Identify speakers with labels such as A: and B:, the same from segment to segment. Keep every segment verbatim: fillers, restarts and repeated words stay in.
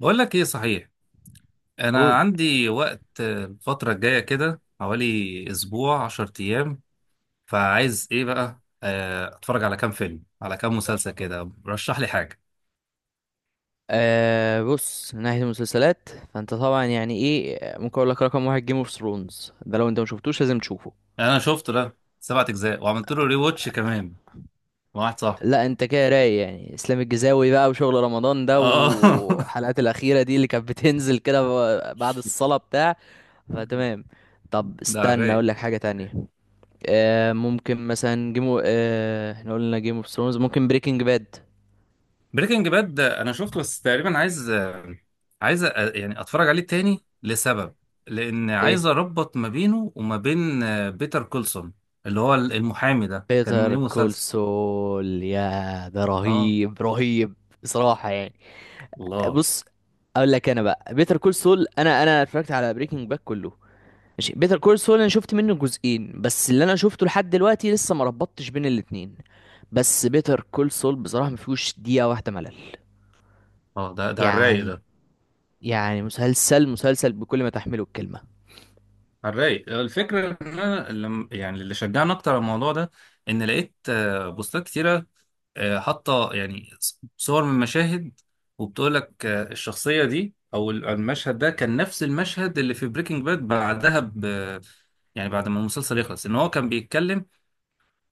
A: بقول لك ايه صحيح. انا
B: قول.
A: عندي وقت، آه، الفتره الجايه كده حوالي اسبوع عشر ايام. فعايز ايه بقى؟ آه، اتفرج على كام فيلم على كام مسلسل كده. رشح لي حاجه.
B: آه، بص، من ناحية المسلسلات فانت طبعا يعني ايه، ممكن اقول لك رقم واحد، جيم اوف ثرونز ده لو انت ما شفتوش لازم تشوفه.
A: انا شفته، ده سبعة اجزاء وعملت له ري واتش كمان مع واحد صاحبي.
B: لا انت كده رايق، يعني اسلام الجزاوي بقى وشغل رمضان ده
A: اه.
B: والحلقات الاخيرة دي اللي كانت بتنزل كده ب- بعد الصلاة بتاع. فتمام. طب
A: ده على
B: استنى
A: الرايق.
B: اقول لك حاجة تانية. آه ممكن مثلا جيم آه احنا قلنا جيم اوف ثرونز، ممكن بريكنج باد.
A: بريكنج باد انا شفته، بس تقريبا عايز عايز أ- يعني اتفرج عليه تاني لسبب، لان
B: ايه،
A: عايز اربط ما بينه وما بين بيتر كولسون، اللي هو المحامي ده كان ليه
B: بيتر كول
A: مسلسل.
B: سول، يا ده
A: اه.
B: رهيب رهيب، بصراحة يعني.
A: الله.
B: بص، اقول لك انا بقى، بيتر كول سول، انا انا اتفرجت على بريكنج باك كله، ماشي. بيتر كول سول انا شفت منه جزئين بس، اللي انا شفته لحد دلوقتي لسه ما ربطتش بين الاتنين. بس بيتر كول سول بصراحة ما فيهوش دقيقة واحدة ملل،
A: اه. ده ده على الرايق.
B: يعني.
A: ده
B: يعني مسلسل مسلسل بكل ما تحمله الكلمة.
A: على الرايق. الفكرة إن أنا لم، يعني اللي شجعني أكتر على الموضوع ده، إن لقيت آه، بوستات كتيرة، آه، حاطة يعني ص- صور من مشاهد، وبتقول لك آه، الشخصية دي أو ال- المشهد ده كان نفس المشهد اللي في بريكنج باد بعدها ب يعني بعد ما المسلسل يخلص، إن هو كان بيتكلم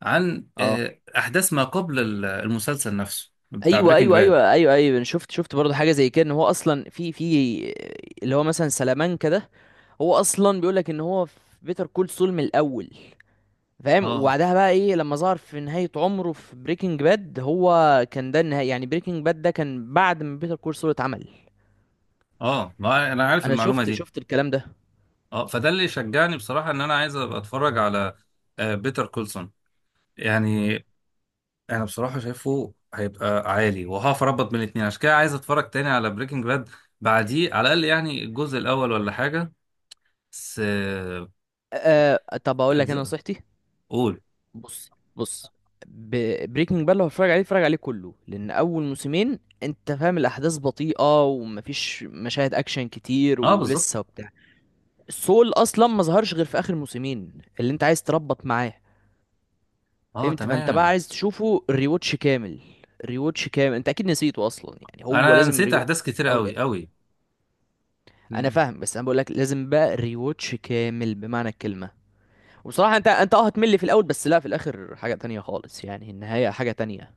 A: عن
B: اه،
A: آه، أحداث ما قبل ال- المسلسل نفسه بتاع
B: ايوه
A: بريكنج
B: ايوه
A: باد.
B: ايوه ايوه ايوه انا شفت شفت برضه حاجة زي كده، ان هو اصلا في في اللي هو مثلا سلامانكا ده، هو اصلا بيقول لك ان هو في بيتر كول سول من الاول. فاهم؟
A: اه،
B: وبعدها بقى ايه، لما ظهر في نهاية عمره في بريكنج باد هو، كان ده النهاية. يعني بريكنج باد ده كان بعد ما بيتر كول سول اتعمل.
A: اه، ما أنا عارف
B: انا
A: المعلومة
B: شفت
A: دي.
B: شفت الكلام ده.
A: اه، فده اللي شجعني بصراحة إن أنا عايز أبقى أتفرج على بيتر كولسون يعني. انا بصراحه شايفه هيبقى عالي، وهقف اربط بين الاتنين، عشان كده عايز اتفرج تاني على بريكنج باد بعديه، على الاقل يعني الجزء الاول ولا حاجه. بس آه،
B: أه طب اقول لك انا
A: اجزاء.
B: نصيحتي.
A: قول.
B: بص بص، بريكنج باد لو هتفرج عليه اتفرج عليه كله، لان اول موسمين انت فاهم الاحداث بطيئة ومفيش مشاهد اكشن كتير
A: اه،
B: ولسه
A: بالظبط.
B: وبتاع. سول اصلا ما ظهرش غير في اخر موسمين، اللي انت عايز تربط معاه.
A: اه،
B: فهمت؟ فانت بقى
A: تمام.
B: عايز تشوفه ريوتش كامل. ريوتش كامل، انت اكيد نسيته اصلا، يعني هو
A: انا
B: لازم
A: نسيت
B: ريوتش
A: احداث
B: كامل من
A: كتير
B: الاول
A: قوي
B: للاخر.
A: قوي.
B: انا فاهم، بس انا بقول لك لازم بقى ريوتش كامل بمعنى الكلمه. وبصراحه انت انت اه هتمل في الاول، بس لا، في الاخر حاجه تانية خالص، يعني النهايه حاجه تانية.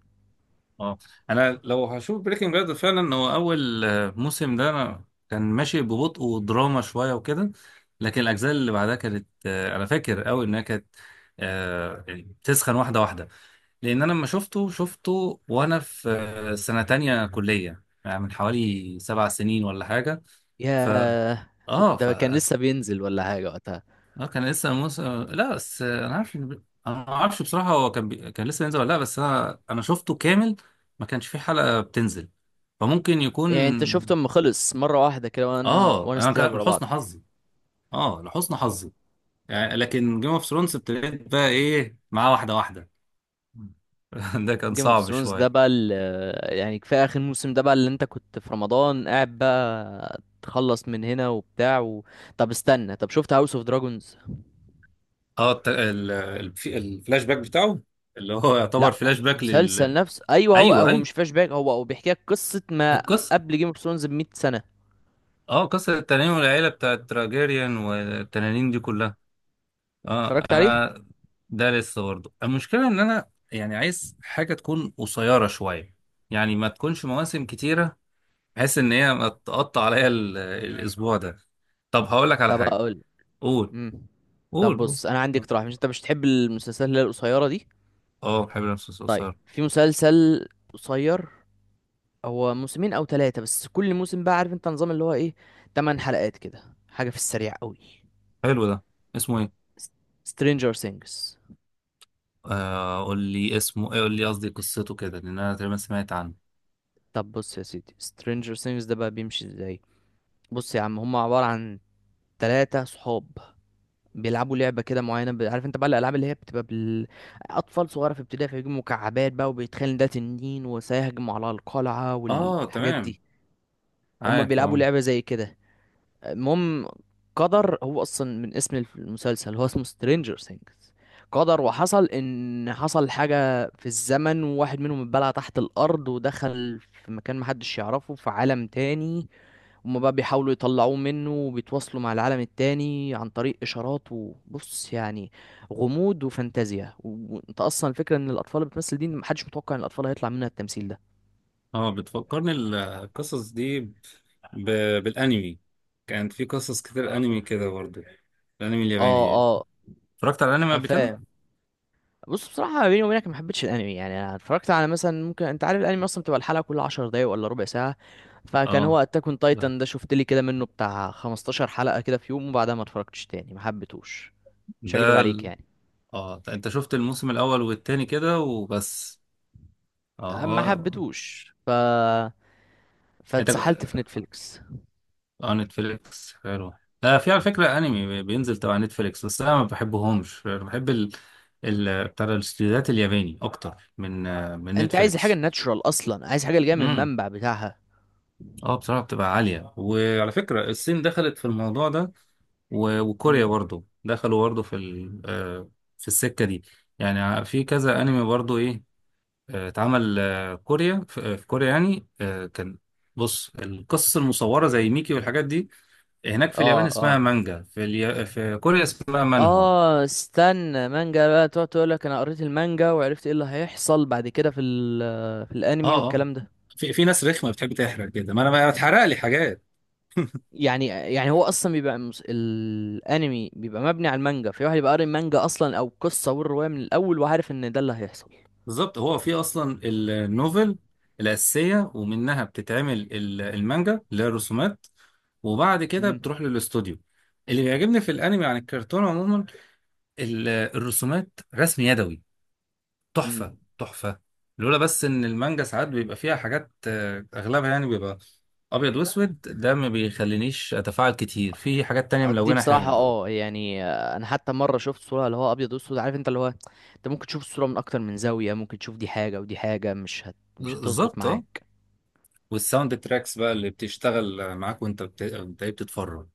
A: اه، انا لو هشوف بريكنج باد فعلا، هو اول آه، موسم ده انا كان ماشي ببطء ودراما شويه وكده، لكن الاجزاء اللي بعدها كانت، آه، انا فاكر قوي انها كانت آه، يعني بتسخن واحده واحده. لان انا لما شفته شفته وانا في سنه تانية كليه، يعني من حوالي سبع سنين ولا حاجه. ف
B: يا
A: اه ف
B: ده كان
A: اه
B: لسه بينزل ولا حاجه وقتها؟
A: كان لسه موسى. لا، بس انا عارف إن- انا ما اعرفش بصراحه هو كان بي... كان لسه ينزل ولا لا، بس انا انا شفته كامل. ما كانش فيه حلقه بتنزل، فممكن
B: يعني انت
A: يكون.
B: شفته اما خلص مره واحده كده، وان
A: اه،
B: وان
A: انا
B: ستراب
A: كان
B: ورا
A: لحسن
B: بعض.
A: حظي. اه، لحسن حظي، يعني. لكن جيم اوف ثرونز ابتديت بقى ايه معاه واحده واحده. ده كان
B: جيم اوف
A: صعب
B: ثرونز ده
A: شويه.
B: بقى ال- يعني كفايه اخر موسم ده بقى، اللي انت كنت في رمضان قاعد بقى تخلص من هنا وبتاع و... طب استنى، طب شفت هاوس اوف دراجونز؟
A: اه، الت- ال- ال- في- الفلاش باك بتاعه، اللي هو يعتبر
B: لا
A: فلاش باك لل.
B: مسلسل نفسه، ايوه، هو
A: ايوه،
B: هو
A: ايوه،
B: مش فلاش باك، هو هو بيحكي لك قصه ما
A: القصه.
B: قبل جيم اوف ثرونز ب مية سنه.
A: اه، قصه التنانين والعيله بتاعت تراجيريان والتنانين دي كلها. اه،
B: اتفرجت عليه؟
A: انا ده لسه برضه. المشكله ان انا يعني عايز حاجه تكون قصيره شويه، يعني ما تكونش مواسم كتيره، بحيث ان هي ما تقطع عليا ال- الاسبوع ده. طب هقول لك على
B: طب
A: حاجه.
B: اقول.
A: قول،
B: امم طب
A: قول، قول.
B: بص، انا عندي اقتراح، مش انت مش تحب المسلسلات اللي هي القصيره دي؟
A: اه، بحب القصص
B: طيب
A: القصيره.
B: في مسلسل قصير، هو موسمين او ثلاثة بس، كل موسم بقى، عارف انت نظام اللي هو ايه، تمن حلقات كده، حاجة في السريع قوي.
A: حلو ده. اسمه ايه؟
B: Stranger Things.
A: آه، قول لي اسمه ايه، قول لي، قصدي قصته كده، لان انا تقريبا سمعت عنه.
B: طب بص يا سيدي، Stranger Things ده بقى بيمشي ازاي؟ بص يا عم، هم عبارة عن ثلاثة صحاب بيلعبوا لعبة كده معينة ب- عارف انت بقى الألعاب اللي هي بتبقى بال... أطفال صغيرة في ابتدائي، فيجيبوا مكعبات بقى وبيتخيل إن ده تنين وسيهجم على القلعة
A: اه،
B: والحاجات
A: تمام.
B: دي. هم
A: عارف،
B: بيلعبوا
A: اه.
B: لعبة زي كده. المهم، قدر هو اصلا من اسم الف- المسلسل هو اسمه سترينجر ثينجز، قدر وحصل ان حصل حاجة في الزمن، وواحد منهم اتبلع تحت الارض ودخل في مكان محدش يعرفه في عالم تاني. هما بقى بيحاولوا يطلعوه منه وبيتواصلوا مع العالم التاني عن طريق اشارات. وبص يعني غموض وفانتازيا و- وانت اصلا الفكرة ان الاطفال اللي بتمثل دي محدش متوقع ان الاطفال هيطلع منها التمثيل ده.
A: اه، بتفكرني ال- القصص دي ب... بالانمي. كانت في قصص كتير انمي كده برضه، الانمي الياباني.
B: اه
A: اتفرجت على الانمي
B: اه
A: قبل كده.
B: فاهم. بص بصراحة ما بيني وبينك ما حبيتش الانمي، يعني انا اتفرجت على مثلا، ممكن انت عارف الانمي اصلا بتبقى الحلقة كل عشر دقايق ولا ربع ساعة. فكان
A: اه،
B: هو اتاك اون تايتان ده شفت لي كده منه بتاع خمستاشر حلقة كده في يوم، وبعدها ما اتفرجتش تاني، ما حبيتهوش. مش هكدب
A: ده
B: عليك
A: ال...
B: يعني.
A: اه، انت شفت الموسم الاول والتاني كده وبس. اه،
B: أه، ما
A: اه،
B: حبيتهوش، ف
A: انت.
B: فاتسحلت في نتفليكس.
A: اه، نتفليكس حلو. آه في على فكرة انمي بينزل تبع نتفليكس، بس انا ما بحبهمش، بحب ال ال بتاع الاستديوهات الياباني اكتر من آه من
B: انت عايز الحاجة
A: نتفليكس.
B: الناتشرال، اصلا عايز حاجة اللي جاية من
A: امم
B: المنبع بتاعها.
A: اه، بصراحة بتبقى عالية. وعلى فكرة الصين دخلت في الموضوع ده، و- وكوريا
B: امم.
A: برضو دخلوا برضو في ال آه في السكة دي. يعني في كذا انمي برضو ايه؟ آه، اتعمل آه، كوريا في آه، في كوريا يعني آه، كان. بص، القصص المصورة زي ميكي والحاجات دي، هناك في
B: اه
A: اليابان اسمها
B: اه
A: مانجا، في اليا... في كوريا اسمها مانهوا.
B: اه استنى، مانجا بقى تقعد تقول لك انا قريت المانجا وعرفت ايه اللي هيحصل بعد كده في ال في
A: اه،
B: الانمي
A: اه،
B: والكلام ده.
A: في في ناس رخمه بتحب تحرق كده، ما انا ما اتحرق لي حاجات.
B: يعني يعني هو اصلا بيبقى مس- الانمي بيبقى مبني على المانجا، في واحد يبقى قاري المانجا اصلا او القصه والروايه من الاول، وعارف ان ده اللي هيحصل.
A: بالظبط. هو في اصلا النوفل الاساسيه، ومنها بتتعمل ال- المانجا اللي هي الرسومات، وبعد كده
B: امم.
A: بتروح للاستوديو. اللي بيعجبني في الانمي عن الكرتون عموما، ال- الرسومات رسم يدوي، تحفه.
B: امم.
A: تحفه. لولا بس ان المانجا ساعات بيبقى فيها حاجات، آه، اغلبها يعني بيبقى ابيض واسود، ده ما بيخلينيش اتفاعل كتير في حاجات تانية
B: دي
A: ملونة
B: بصراحه
A: حلوة.
B: اه يعني، آه، انا حتى مره شفت صوره اللي هو ابيض واسود، عارف انت اللي هو انت ممكن تشوف الصوره من اكتر من زاويه، ممكن تشوف دي حاجه ودي حاجه، مش هت... مش هتظبط
A: بالظبط، اه.
B: معاك.
A: والساوند تراكس بقى اللي بتشتغل معاك وانت بت... انت إيه بتتفرج،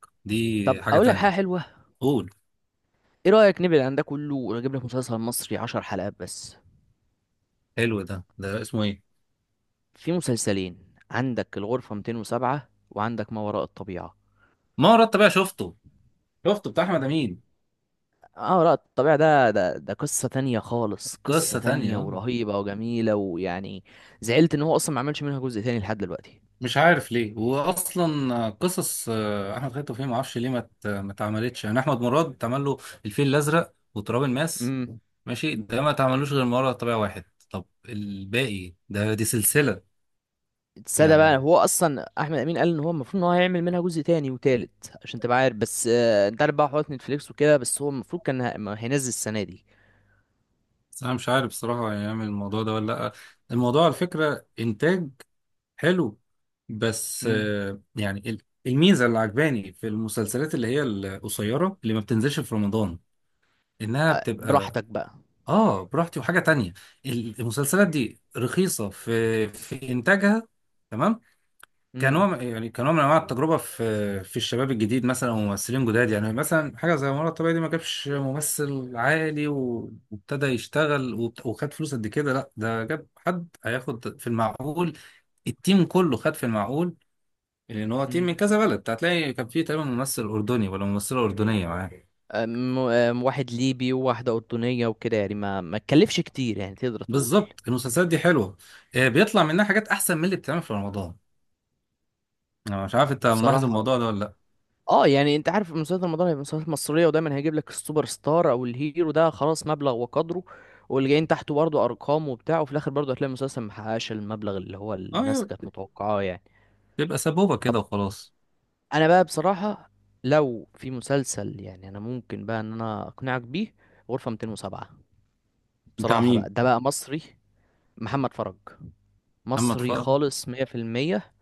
B: طب
A: دي حاجة
B: اقول لك
A: تانية.
B: حاجه حلوه.
A: قول.
B: ايه رايك نبعد عن ده كله ونجيب لك مسلسل مصري عشر حلقات بس؟
A: حلو ده. ده اسمه ايه؟
B: في مسلسلين، عندك الغرفه مئتين وسبعة، وعندك ما وراء الطبيعه.
A: ما رحت بقى شفته. شفته بتاع احمد امين.
B: اه لا، الطبيعة ده ده ده قصة تانية خالص،
A: قصة
B: قصة
A: تانية
B: تانية
A: آه.
B: ورهيبة وجميلة ويعني زعلت ان هو اصلا ما عملش منها جزء تاني لحد دلوقتي.
A: مش عارف ليه، واصلا قصص آه، احمد خالد توفيق ما اعرفش ليه ما ت- ما اتعملتش. يعني احمد مراد اتعمل له الفيل الازرق وتراب الماس،
B: امم.
A: ماشي. ده ما تعملوش غير مرة طبيعي واحد. طب الباقي ده، دي سلسلة.
B: السادة بقى،
A: يعني
B: هو اصلا احمد امين قال ان هو المفروض ان هو هيعمل منها جزء تاني وتالت عشان تبقى عارف، بس آه، انت عارف بقى حوارات نتفليكس وكده، بس هو المفروض كان ه- ما هينزل السنة دي.
A: بس أنا مش عارف بصراحة هيعمل الموضوع ده ولا لأ. الموضوع على فكرة إنتاج حلو، بس
B: امم.
A: آه، يعني ال- الميزة اللي عجباني في المسلسلات اللي هي القصيرة اللي ما بتنزلش في رمضان، إنها
B: آه،
A: بتبقى
B: براحتك بقى.
A: آه براحتي. وحاجة تانية، المسلسلات دي رخيصة في في إنتاجها. تمام.
B: امم.
A: كنوع، يعني كنوع من انواع التجربه في في الشباب الجديد مثلا، وممثلين جداد. يعني مثلا حاجه زي مرة الطبيعي دي، ما جابش ممثل عالي و- وابتدى يشتغل وبت- وخد فلوس قد كده، لا، ده جاب حد هياخد في المعقول. التيم كله خد في المعقول، لان هو تيم من
B: امم.
A: كذا بلد، هتلاقي كان فيه تقريبا ممثل اردني ولا ممثله اردنيه معاه.
B: آم، آم، واحد ليبي وواحدة أردنية وكده، يعني ما ما تكلفش كتير يعني، تقدر تقول.
A: بالظبط، المسلسلات دي حلوه. آه، بيطلع منها حاجات احسن من اللي بتتعمل في رمضان. انا مش عارف انت ملاحظ
B: بصراحة
A: الموضوع ده ولا لا؟
B: اه، يعني انت عارف مسلسلات رمضان هي مسلسلات مصريه، ودايما هيجيب لك السوبر ستار او الهيرو ده خلاص مبلغ وقدره، واللي جايين تحته برضه ارقام وبتاع، وفي الاخر برضه هتلاقي المسلسل محققش المبلغ اللي هو الناس
A: اه،
B: كانت متوقعاه يعني.
A: بيبقى سبوبه
B: طب
A: كده وخلاص.
B: انا بقى بصراحه، لو في مسلسل يعني انا ممكن بقى ان انا اقنعك بيه، غرفه مئتين وسبعة.
A: بتاع
B: بصراحه
A: مين؟
B: بقى ده بقى مصري. محمد فرج.
A: محمد
B: مصري
A: فرج.
B: خالص مية في المية.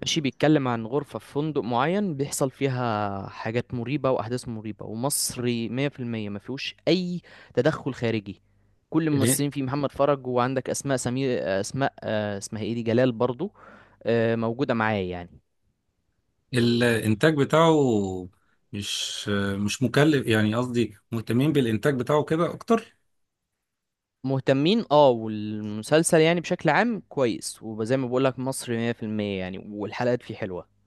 B: ماشي، بيتكلم عن غرفة في فندق معين بيحصل فيها حاجات مريبة وأحداث مريبة، ومصري مية في المية، ما فيهوش أي تدخل خارجي. كل
A: ال-
B: الممثلين فيه محمد فرج، وعندك أسماء سمير، أسماء آه، اسمها إيه دي، جلال برضو، آه، موجودة معايا يعني.
A: الانتاج بتاعه، مش مش مكلف، يعني قصدي مهتمين بالانتاج بتاعه كده اكتر.
B: مهتمين اه، والمسلسل يعني بشكل عام كويس، وزي ما بقولك مصري مية في المية يعني، والحلقات فيه حلوة.